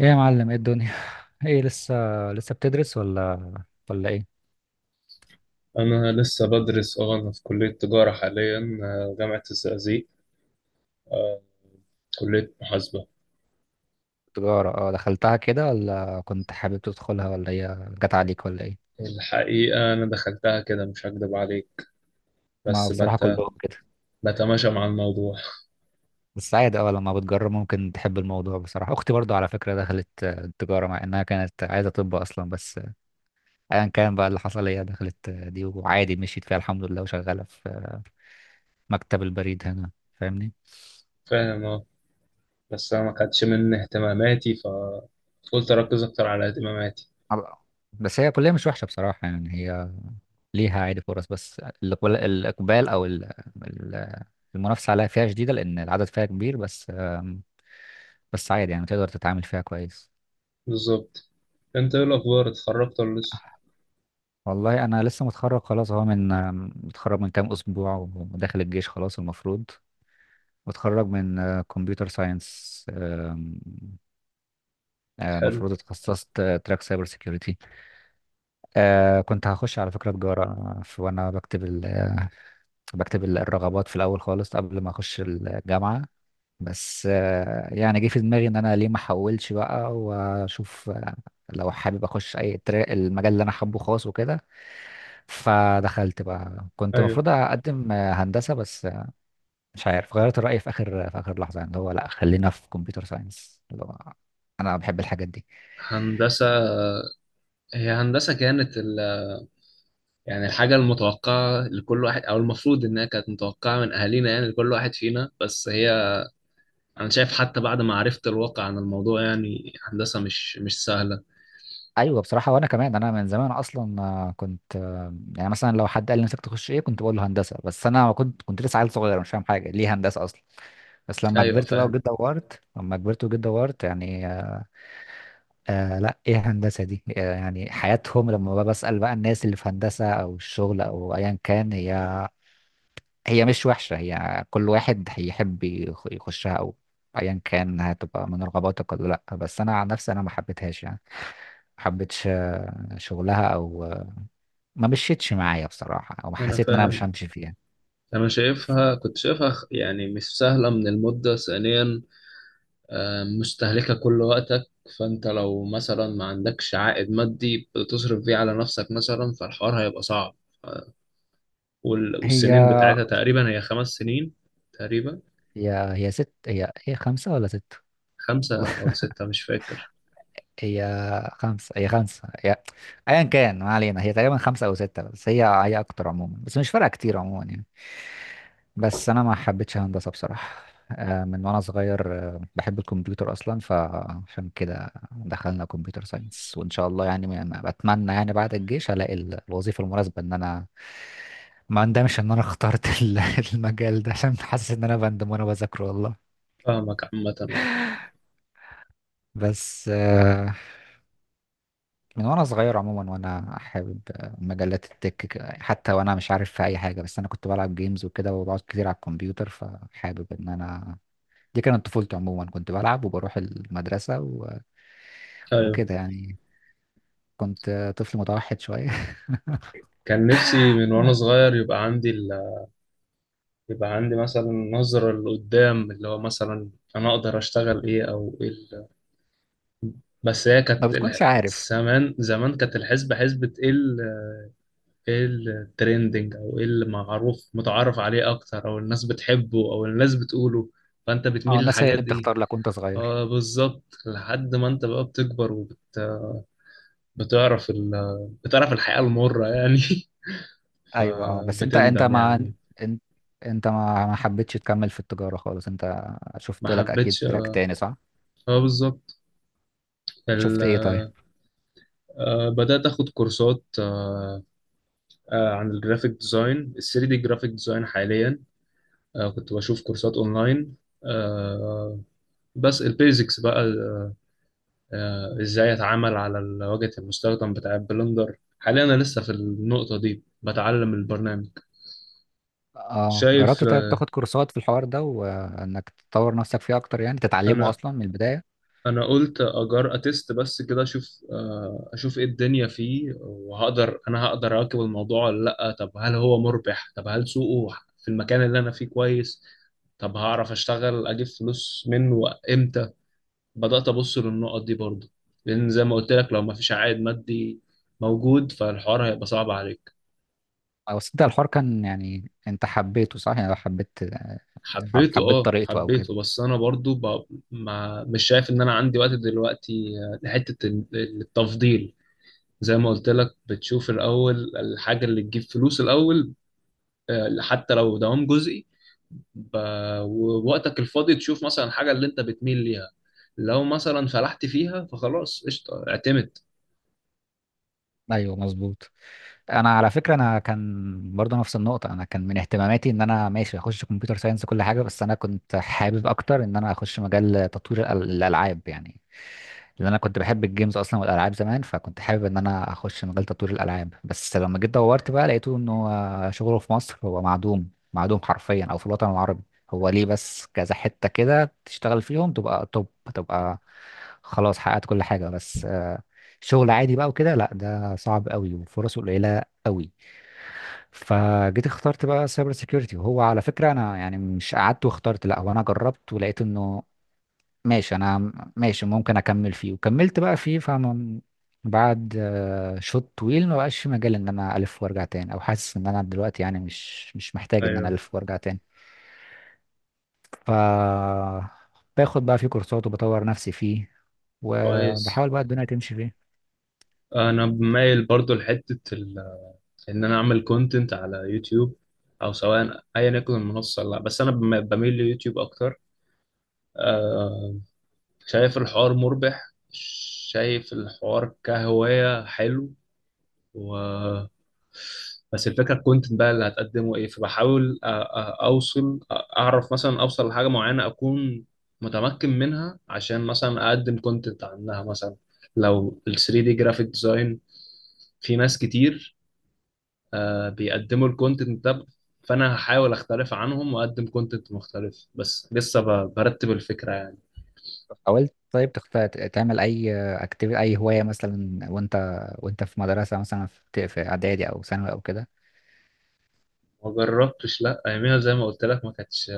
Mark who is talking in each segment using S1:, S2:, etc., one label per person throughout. S1: ايه يا معلم، ايه الدنيا؟ ايه لسه؟ لسه بتدرس ولا ولا ايه؟
S2: أنا لسه بدرس أنا في كلية تجارة حاليا، جامعة الزقازيق، آه، كلية محاسبة.
S1: تجارة، اه، دخلتها كده ولا كنت حابب تدخلها ولا هي جت عليك ولا ايه؟
S2: الحقيقة أنا دخلتها كده، مش هكدب عليك،
S1: ما
S2: بس
S1: بصراحة كلهم كده.
S2: بتماشى مع الموضوع.
S1: بس عادي، اه، لما بتجرب ممكن تحب الموضوع. بصراحة اختي برضو على فكرة دخلت تجارة مع انها كانت عايزة طب اصلا، بس ايا كان بقى اللي حصل، هي دخلت دي وعادي، مشيت فيها الحمد لله وشغالة في مكتب البريد هنا. فاهمني؟
S2: فاهم أه. بس أنا ما كانتش من اهتماماتي، فقلت أركز أكتر على اهتماماتي.
S1: أب- بس هي كلية مش وحشة بصراحة، يعني هي ليها عادي فرص، بس الإقبال، الإقبال أو ال- المنافسة عليها فيها شديدة لأن العدد فيها كبير، بس بس عادي يعني تقدر تتعامل فيها كويس.
S2: بالظبط. أنت إيه الأخبار، اتخرجت ولا لسه؟
S1: والله أنا لسه متخرج خلاص أهو، من متخرج من كام أسبوع وداخل الجيش خلاص المفروض. متخرج من كمبيوتر ساينس.
S2: حلو.
S1: المفروض اتخصصت تراك سايبر سيكيورتي. آه، كنت هخش على فكرة تجارة. وأنا بكتب الرغبات في الأول خالص قبل ما أخش الجامعة، بس يعني جه في دماغي ان انا ليه ما احولش بقى واشوف لو حابب اخش اي تراك، المجال اللي انا حابه خاص وكده. فدخلت بقى، كنت
S2: أيوه.
S1: المفروض اقدم هندسه، بس مش عارف غيرت الراي في اخر، في اخر لحظه، يعني اللي هو لا خلينا في كمبيوتر ساينس، اللي هو انا بحب الحاجات دي.
S2: هندسة. هي هندسة كانت يعني الحاجة المتوقعة لكل واحد، أو المفروض إنها كانت متوقعة من أهالينا، يعني لكل واحد فينا. بس هي انا شايف حتى بعد ما عرفت الواقع عن الموضوع، يعني هندسة مش سهلة.
S1: ايوه بصراحه، وانا كمان انا من زمان اصلا كنت يعني مثلا لو حد قال لي نفسك تخش ايه كنت بقول له هندسه، بس انا كنت لسه عيل صغير مش فاهم حاجه، ليه هندسه اصلا؟ بس لما
S2: ايوه
S1: كبرت بقى
S2: فاهم.
S1: وجيت دورت، لما كبرت وجيت دورت، يعني آه، لا ايه هندسة دي؟ آه يعني حياتهم. لما بقى بسأل بقى الناس اللي في هندسة او الشغل او ايا كان، هي مش وحشة، هي كل واحد هيحب يخشها او ايا كان هتبقى من رغباتك ولا لا. بس انا عن نفسي انا ما حبيتهاش يعني. ما حبيتش شغلها او ما مشيتش معايا بصراحة، او
S2: انا
S1: حسيت ان انا مش
S2: فاهم.
S1: همشي فيها.
S2: انا شايفها، كنت شايفها يعني مش سهلة من المدة ثانيا، مستهلكة كل وقتك. فانت لو مثلا ما عندكش عائد مادي بتصرف بيه على نفسك مثلا، فالحوار هيبقى صعب.
S1: هي
S2: والسنين بتاعتها تقريبا هي خمس سنين، تقريبا
S1: هي ست، هي خمسة ولا ستة؟
S2: خمسة او ستة، مش فاكر.
S1: هي خمسة، هي خمسة، هي أيا كان ما علينا، هي تقريبا خمسة أو ستة، بس هي أكتر عموما، بس مش فارقة كتير عموما يعني. بس أنا ما حبيتش هندسة بصراحة. آه، من وأنا صغير آه، بحب الكمبيوتر أصلا، فعشان كده دخلنا كمبيوتر ساينس، وإن شاء الله يعني أنا بتمنى يعني بعد الجيش ألاقي الوظيفة المناسبة، إن أنا ما أندمش إن أنا اخترت المجال ده، عشان حاسس إن أنا بندم وأنا بذاكره والله.
S2: فاهمك عامة.
S1: بس من وانا صغير عموما وانا حابب مجلات التك، حتى وانا مش عارف في اي حاجه، بس انا كنت بلعب جيمز وكده، وبقعد كتير على الكمبيوتر، فحابب ان انا، دي كانت طفولتي عموما، كنت بلعب وبروح المدرسه و...
S2: ايوه.
S1: وكده يعني. كنت طفل متوحد شويه.
S2: كان نفسي من وانا صغير يبقى عندي مثلا نظرة لقدام، اللي هو مثلا أنا أقدر أشتغل إيه، أو إيه بس هي
S1: ما
S2: كانت
S1: بتكونش عارف.
S2: زمان زمان كانت الحسبة حسبة إيه إيه الترندنج، أو إيه المعروف متعارف عليه أكتر، أو الناس بتحبه أو الناس بتقوله. فأنت بتميل
S1: اه الناس هي
S2: للحاجات
S1: اللي
S2: دي.
S1: بتختار لك وانت صغير.
S2: آه بالظبط. لحد ما أنت بقى بتكبر بتعرف ال... بتعرف الحقيقة المرة يعني.
S1: ايوه، اه، بس
S2: فبتندم يعني.
S1: انت انت ما حبيتش تكمل في التجاره خالص، انت
S2: ما
S1: شفت لك اكيد
S2: حبيتش.
S1: تراك تاني، صح؟
S2: اه بالظبط.
S1: شفت ايه طيب؟
S2: بدأت أخد كورسات، عن الجرافيك ديزاين، ال 3D جرافيك ديزاين حاليا. كنت بشوف كورسات أونلاين. آه، بس البيزكس بقى، إزاي أتعامل على واجهة المستخدم بتاع البلندر. حاليا أنا لسه في النقطة دي، بتعلم البرنامج.
S1: اه،
S2: شايف.
S1: جربت طيب تاخد كورسات في الحوار ده، وانك تطور نفسك فيه اكتر، يعني تتعلمه
S2: أنا
S1: اصلا من البدايه؟
S2: قلت اجار اتست بس كده اشوف، ايه الدنيا فيه، وهقدر هقدر اواكب الموضوع ولا لا، طب هل هو مربح، طب هل سوقه في المكان اللي انا فيه كويس، طب هعرف اشتغل اجيب فلوس منه امتى. بدأت ابص للنقط دي برضه، لان زي ما قلت لك لو ما فيش عائد مادي موجود، فالحوار هيبقى صعب عليك.
S1: او بس انت الحوار كان، يعني انت حبيته، صح؟ يعني حبيت،
S2: حبيته،
S1: حبيت
S2: اه،
S1: طريقته او كده؟
S2: حبيته، بس انا برضه ما مش شايف ان انا عندي وقت دلوقتي، لحتة التفضيل. زي ما قلت لك، بتشوف الأول الحاجة اللي تجيب فلوس الأول. حتى لو دوام جزئي، ب... ووقتك الفاضي تشوف مثلا الحاجة اللي أنت بتميل ليها. لو مثلا فلحت فيها فخلاص، قشطة، اعتمد.
S1: ايوه مظبوط. انا على فكره انا كان برضه نفس النقطه، انا كان من اهتماماتي ان انا ماشي اخش كمبيوتر ساينس، كل حاجه، بس انا كنت حابب اكتر ان انا اخش مجال تطوير الالعاب يعني. لان انا كنت بحب الجيمز اصلا والالعاب زمان، فكنت حابب ان انا اخش مجال تطوير الالعاب. بس لما جيت دورت بقى لقيته انه شغله في مصر هو معدوم، معدوم حرفيا، او في الوطن العربي. هو ليه بس كذا حته كده تشتغل فيهم تبقى توب، تبقى خلاص حققت كل حاجه، بس شغل عادي بقى وكده لا، ده صعب قوي وفرصه قليله قوي. فجيت اخترت بقى سايبر سيكيورتي، وهو على فكره انا يعني مش قعدت واخترت، لا هو انا جربت ولقيت انه ماشي انا ماشي، ممكن اكمل فيه، وكملت بقى فيه، فاهم؟ بعد شوط طويل ما بقاش في مجال ان انا الف وارجع تاني، او حاسس ان انا دلوقتي يعني مش مش محتاج ان انا
S2: ايوه
S1: الف وارجع تاني. ف باخد بقى فيه كورسات وبطور نفسي فيه،
S2: كويس.
S1: وبحاول بقى الدنيا تمشي فيه.
S2: أنا مايل برضو لحتة إن أنا أعمل كونتنت على يوتيوب، أو سواء أيا يكن المنصة، لا بس أنا بميل ليوتيوب أكتر. آه، شايف الحوار مربح، شايف الحوار كهواية حلو. و بس الفكره، الكونتنت بقى اللي هتقدمه ايه، فبحاول اوصل، اعرف مثلا، اوصل لحاجه معينه، اكون متمكن منها، عشان مثلا اقدم كونتنت عنها مثلا. لو ال 3 دي جرافيك ديزاين، في ناس كتير بيقدموا الكونتنت ده، فانا هحاول اختلف عنهم واقدم كونتنت مختلف، بس لسه برتب الفكره يعني.
S1: حاولت طيب تعمل اي اكتيفيتي، اي هوايه مثلا، وانت وانت في مدرسه مثلا، في في اعدادي او ثانوي او كده؟
S2: ما جربتش لا اياميها. زي ما قلت لك، ما كانتش،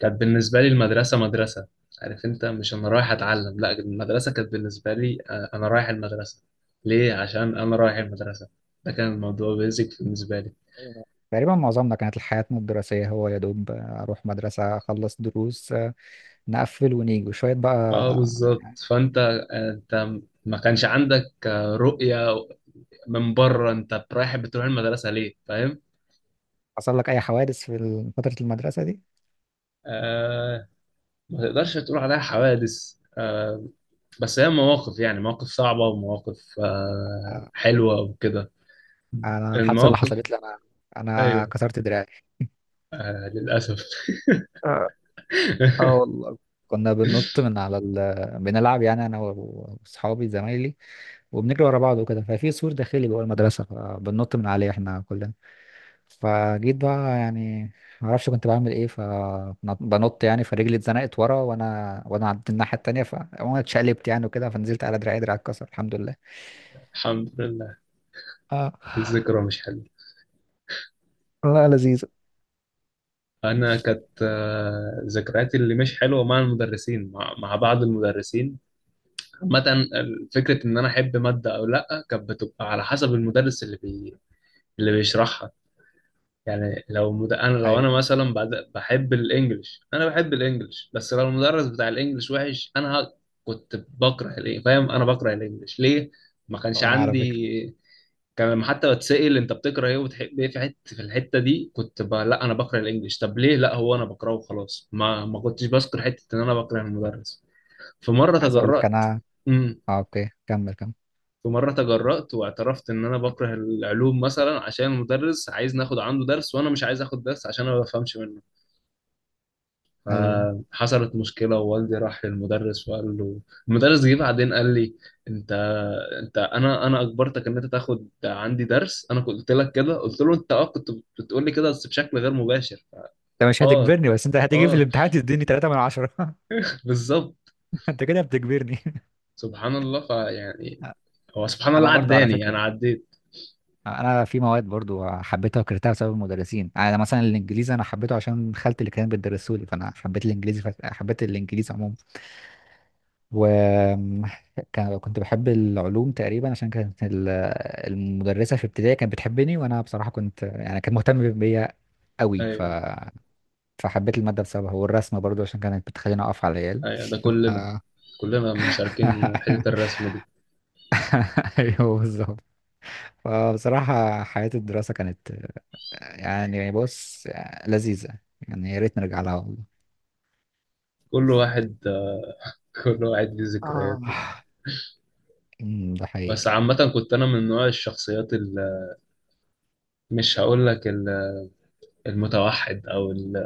S2: كانت بالنسبة لي المدرسة مدرسة، عارف، انت مش انا رايح اتعلم، لا المدرسة كانت بالنسبة لي، انا رايح المدرسة ليه، عشان انا رايح المدرسة. ده كان الموضوع بيزك بالنسبة لي.
S1: تقريبا معظمنا كانت حياتنا الدراسيه هو يا دوب اروح مدرسه، اخلص دروس، نقفل ونيجي وشويه
S2: اه
S1: بقى
S2: بالظبط.
S1: يعني.
S2: فانت، انت ما كانش عندك، رؤية من بره، انت رايح بتروح المدرسة ليه، فاهم.
S1: حصل لك اي حوادث في فتره المدرسه دي؟
S2: آه. ما تقدرش تقول عليها حوادث، آه. بس هي مواقف، يعني مواقف صعبة، ومواقف
S1: آه،
S2: حلوة وكده.
S1: انا الحادثه اللي
S2: المواقف.
S1: حصلت لي انا، انا
S2: ايوه.
S1: كسرت دراعي.
S2: آه، للأسف.
S1: اه، آه والله، كنا بننط من على ال... بنلعب يعني انا واصحابي زمايلي، وبنجري ورا بعض وكده. ففي سور داخلي جوه المدرسه، فبننط من عليه احنا كلنا. فجيت بقى يعني ما اعرفش كنت بعمل ايه، فبنط يعني، فرجلي اتزنقت ورا وانا عدت الناحيه التانيه، فانا اتشقلبت يعني وكده، فنزلت على دراعي، دراعي اتكسر الحمد لله.
S2: الحمد لله.
S1: اه،
S2: الذكرى مش حلوة.
S1: والله لذيذة.
S2: أنا كانت ذكرياتي اللي مش حلوة مع المدرسين، مع بعض المدرسين. عامة فكرة إن أنا أحب مادة أو لأ كانت بتبقى على حسب المدرس اللي اللي بيشرحها. يعني أنا لو
S1: ايوه،
S2: أنا مثلا بحب الإنجليش، أنا بحب الإنجليش، بس لو المدرس بتاع الإنجليش وحش، أنا كنت بكره الإنجليش، فاهم. أنا بكره الإنجليش ليه؟ ما كانش
S1: وانا على فكره
S2: عندي. كان لما حتى بتسأل انت بتكره ايه وبتحب ايه في حته في الحته دي، كنت لا انا بكره الانجليش، طب ليه، لا هو انا بكرهه وخلاص، ما كنتش بذكر حته ان انا بكره المدرس. في مره
S1: عايز اقول لك
S2: تجرأت.
S1: انا.
S2: امم.
S1: اه اوكي، كمل كمل.
S2: في مره تجرأت، واعترفت ان انا بكره العلوم مثلا، عشان المدرس عايز ناخد عنده درس، وانا مش عايز اخد درس عشان انا ما بفهمش منه.
S1: ايوه،
S2: فحصلت مشكلة، ووالدي راح للمدرس وقال له. المدرس جه بعدين قال لي: انت، اجبرتك ان انت تاخد عندي درس، انا كنت قلت لك كده. قلت له: انت، اه، كنت بتقول لي كده بس بشكل غير مباشر.
S1: انت مش
S2: اه
S1: هتجبرني، بس انت هتيجي في
S2: اه
S1: الامتحان تديني 3 من 10.
S2: بالظبط.
S1: انت كده بتجبرني.
S2: سبحان الله. فيعني هو سبحان الله،
S1: انا برضو على
S2: عداني،
S1: فكره،
S2: انا عديت.
S1: انا في مواد برضو حبيتها وكرهتها بسبب المدرسين، يعني انا مثلا الانجليزي، انا حبيته عشان خالتي اللي كانت بتدرسه لي، فانا حبيت الانجليزي، ف... حبيت الانجليزي عموما. و كنت بحب العلوم تقريبا عشان كانت المدرسه في ابتدائي كانت بتحبني، وانا بصراحه كنت يعني كانت مهتمه بيا قوي، ف...
S2: ايوه.
S1: فحبيت الماده بسببها. والرسم برضو عشان كانت بتخليني اقف على العيال.
S2: ايوه ده
S1: ف-
S2: كلنا، كلنا مشاركين حتة الرسم دي.
S1: ايوه بالظبط. فبصراحة حياة الدراسة كانت يعني بص، لذيذة، يعني يا ريت نرجع لها والله.
S2: كل واحد، كل واحد ليه
S1: اه،
S2: ذكرياته.
S1: أمم، ده
S2: بس
S1: حقيقي.
S2: عامة، كنت انا من نوع الشخصيات اللي مش هقول لك المتوحد، او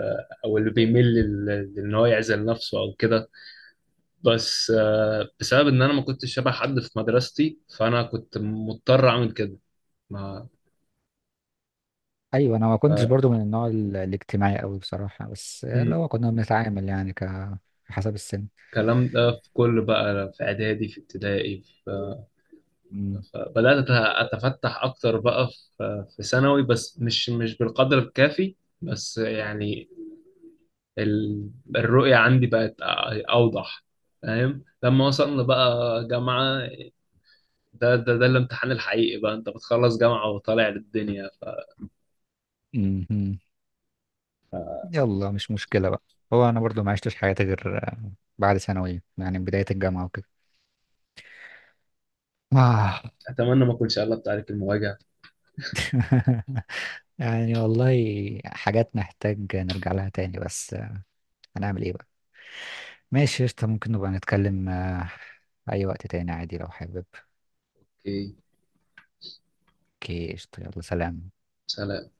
S2: او اللي بيميل لان هو يعزل نفسه او كده، بس بسبب ان انا ما كنتش شبه حد في مدرستي، فانا كنت مضطر اعمل كده. ما
S1: أيوة أنا ما كنتش برضو من النوع الاجتماعي أوي بصراحة، بس
S2: مم.
S1: لو كنا بنتعامل يعني حسب السن.
S2: الكلام ده في كل بقى، في اعدادي، في ابتدائي،
S1: أمم،
S2: اتفتح اكتر بقى في ثانوي، بس مش بالقدر الكافي. بس يعني ال- الرؤية عندي بقت أوضح. فاهم. لما وصلنا بقى جامعة، ده الامتحان الحقيقي بقى، انت بتخلص جامعة وطالع للدنيا.
S1: أمم. يلا مش مشكلة بقى. هو أنا برضو ما عشتش حياتي غير بعد ثانوي، يعني بداية الجامعة وكده. آه.
S2: اتمنى ما اكونش قلبت عليك المواجهة.
S1: يعني والله، حاجات نحتاج نرجع لها تاني، بس هنعمل إيه بقى؟ ماشي قشطة، ممكن نبقى نتكلم أي وقت تاني عادي لو حابب.
S2: اوكي.
S1: اوكي قشطة، يلا سلام.
S2: سلام.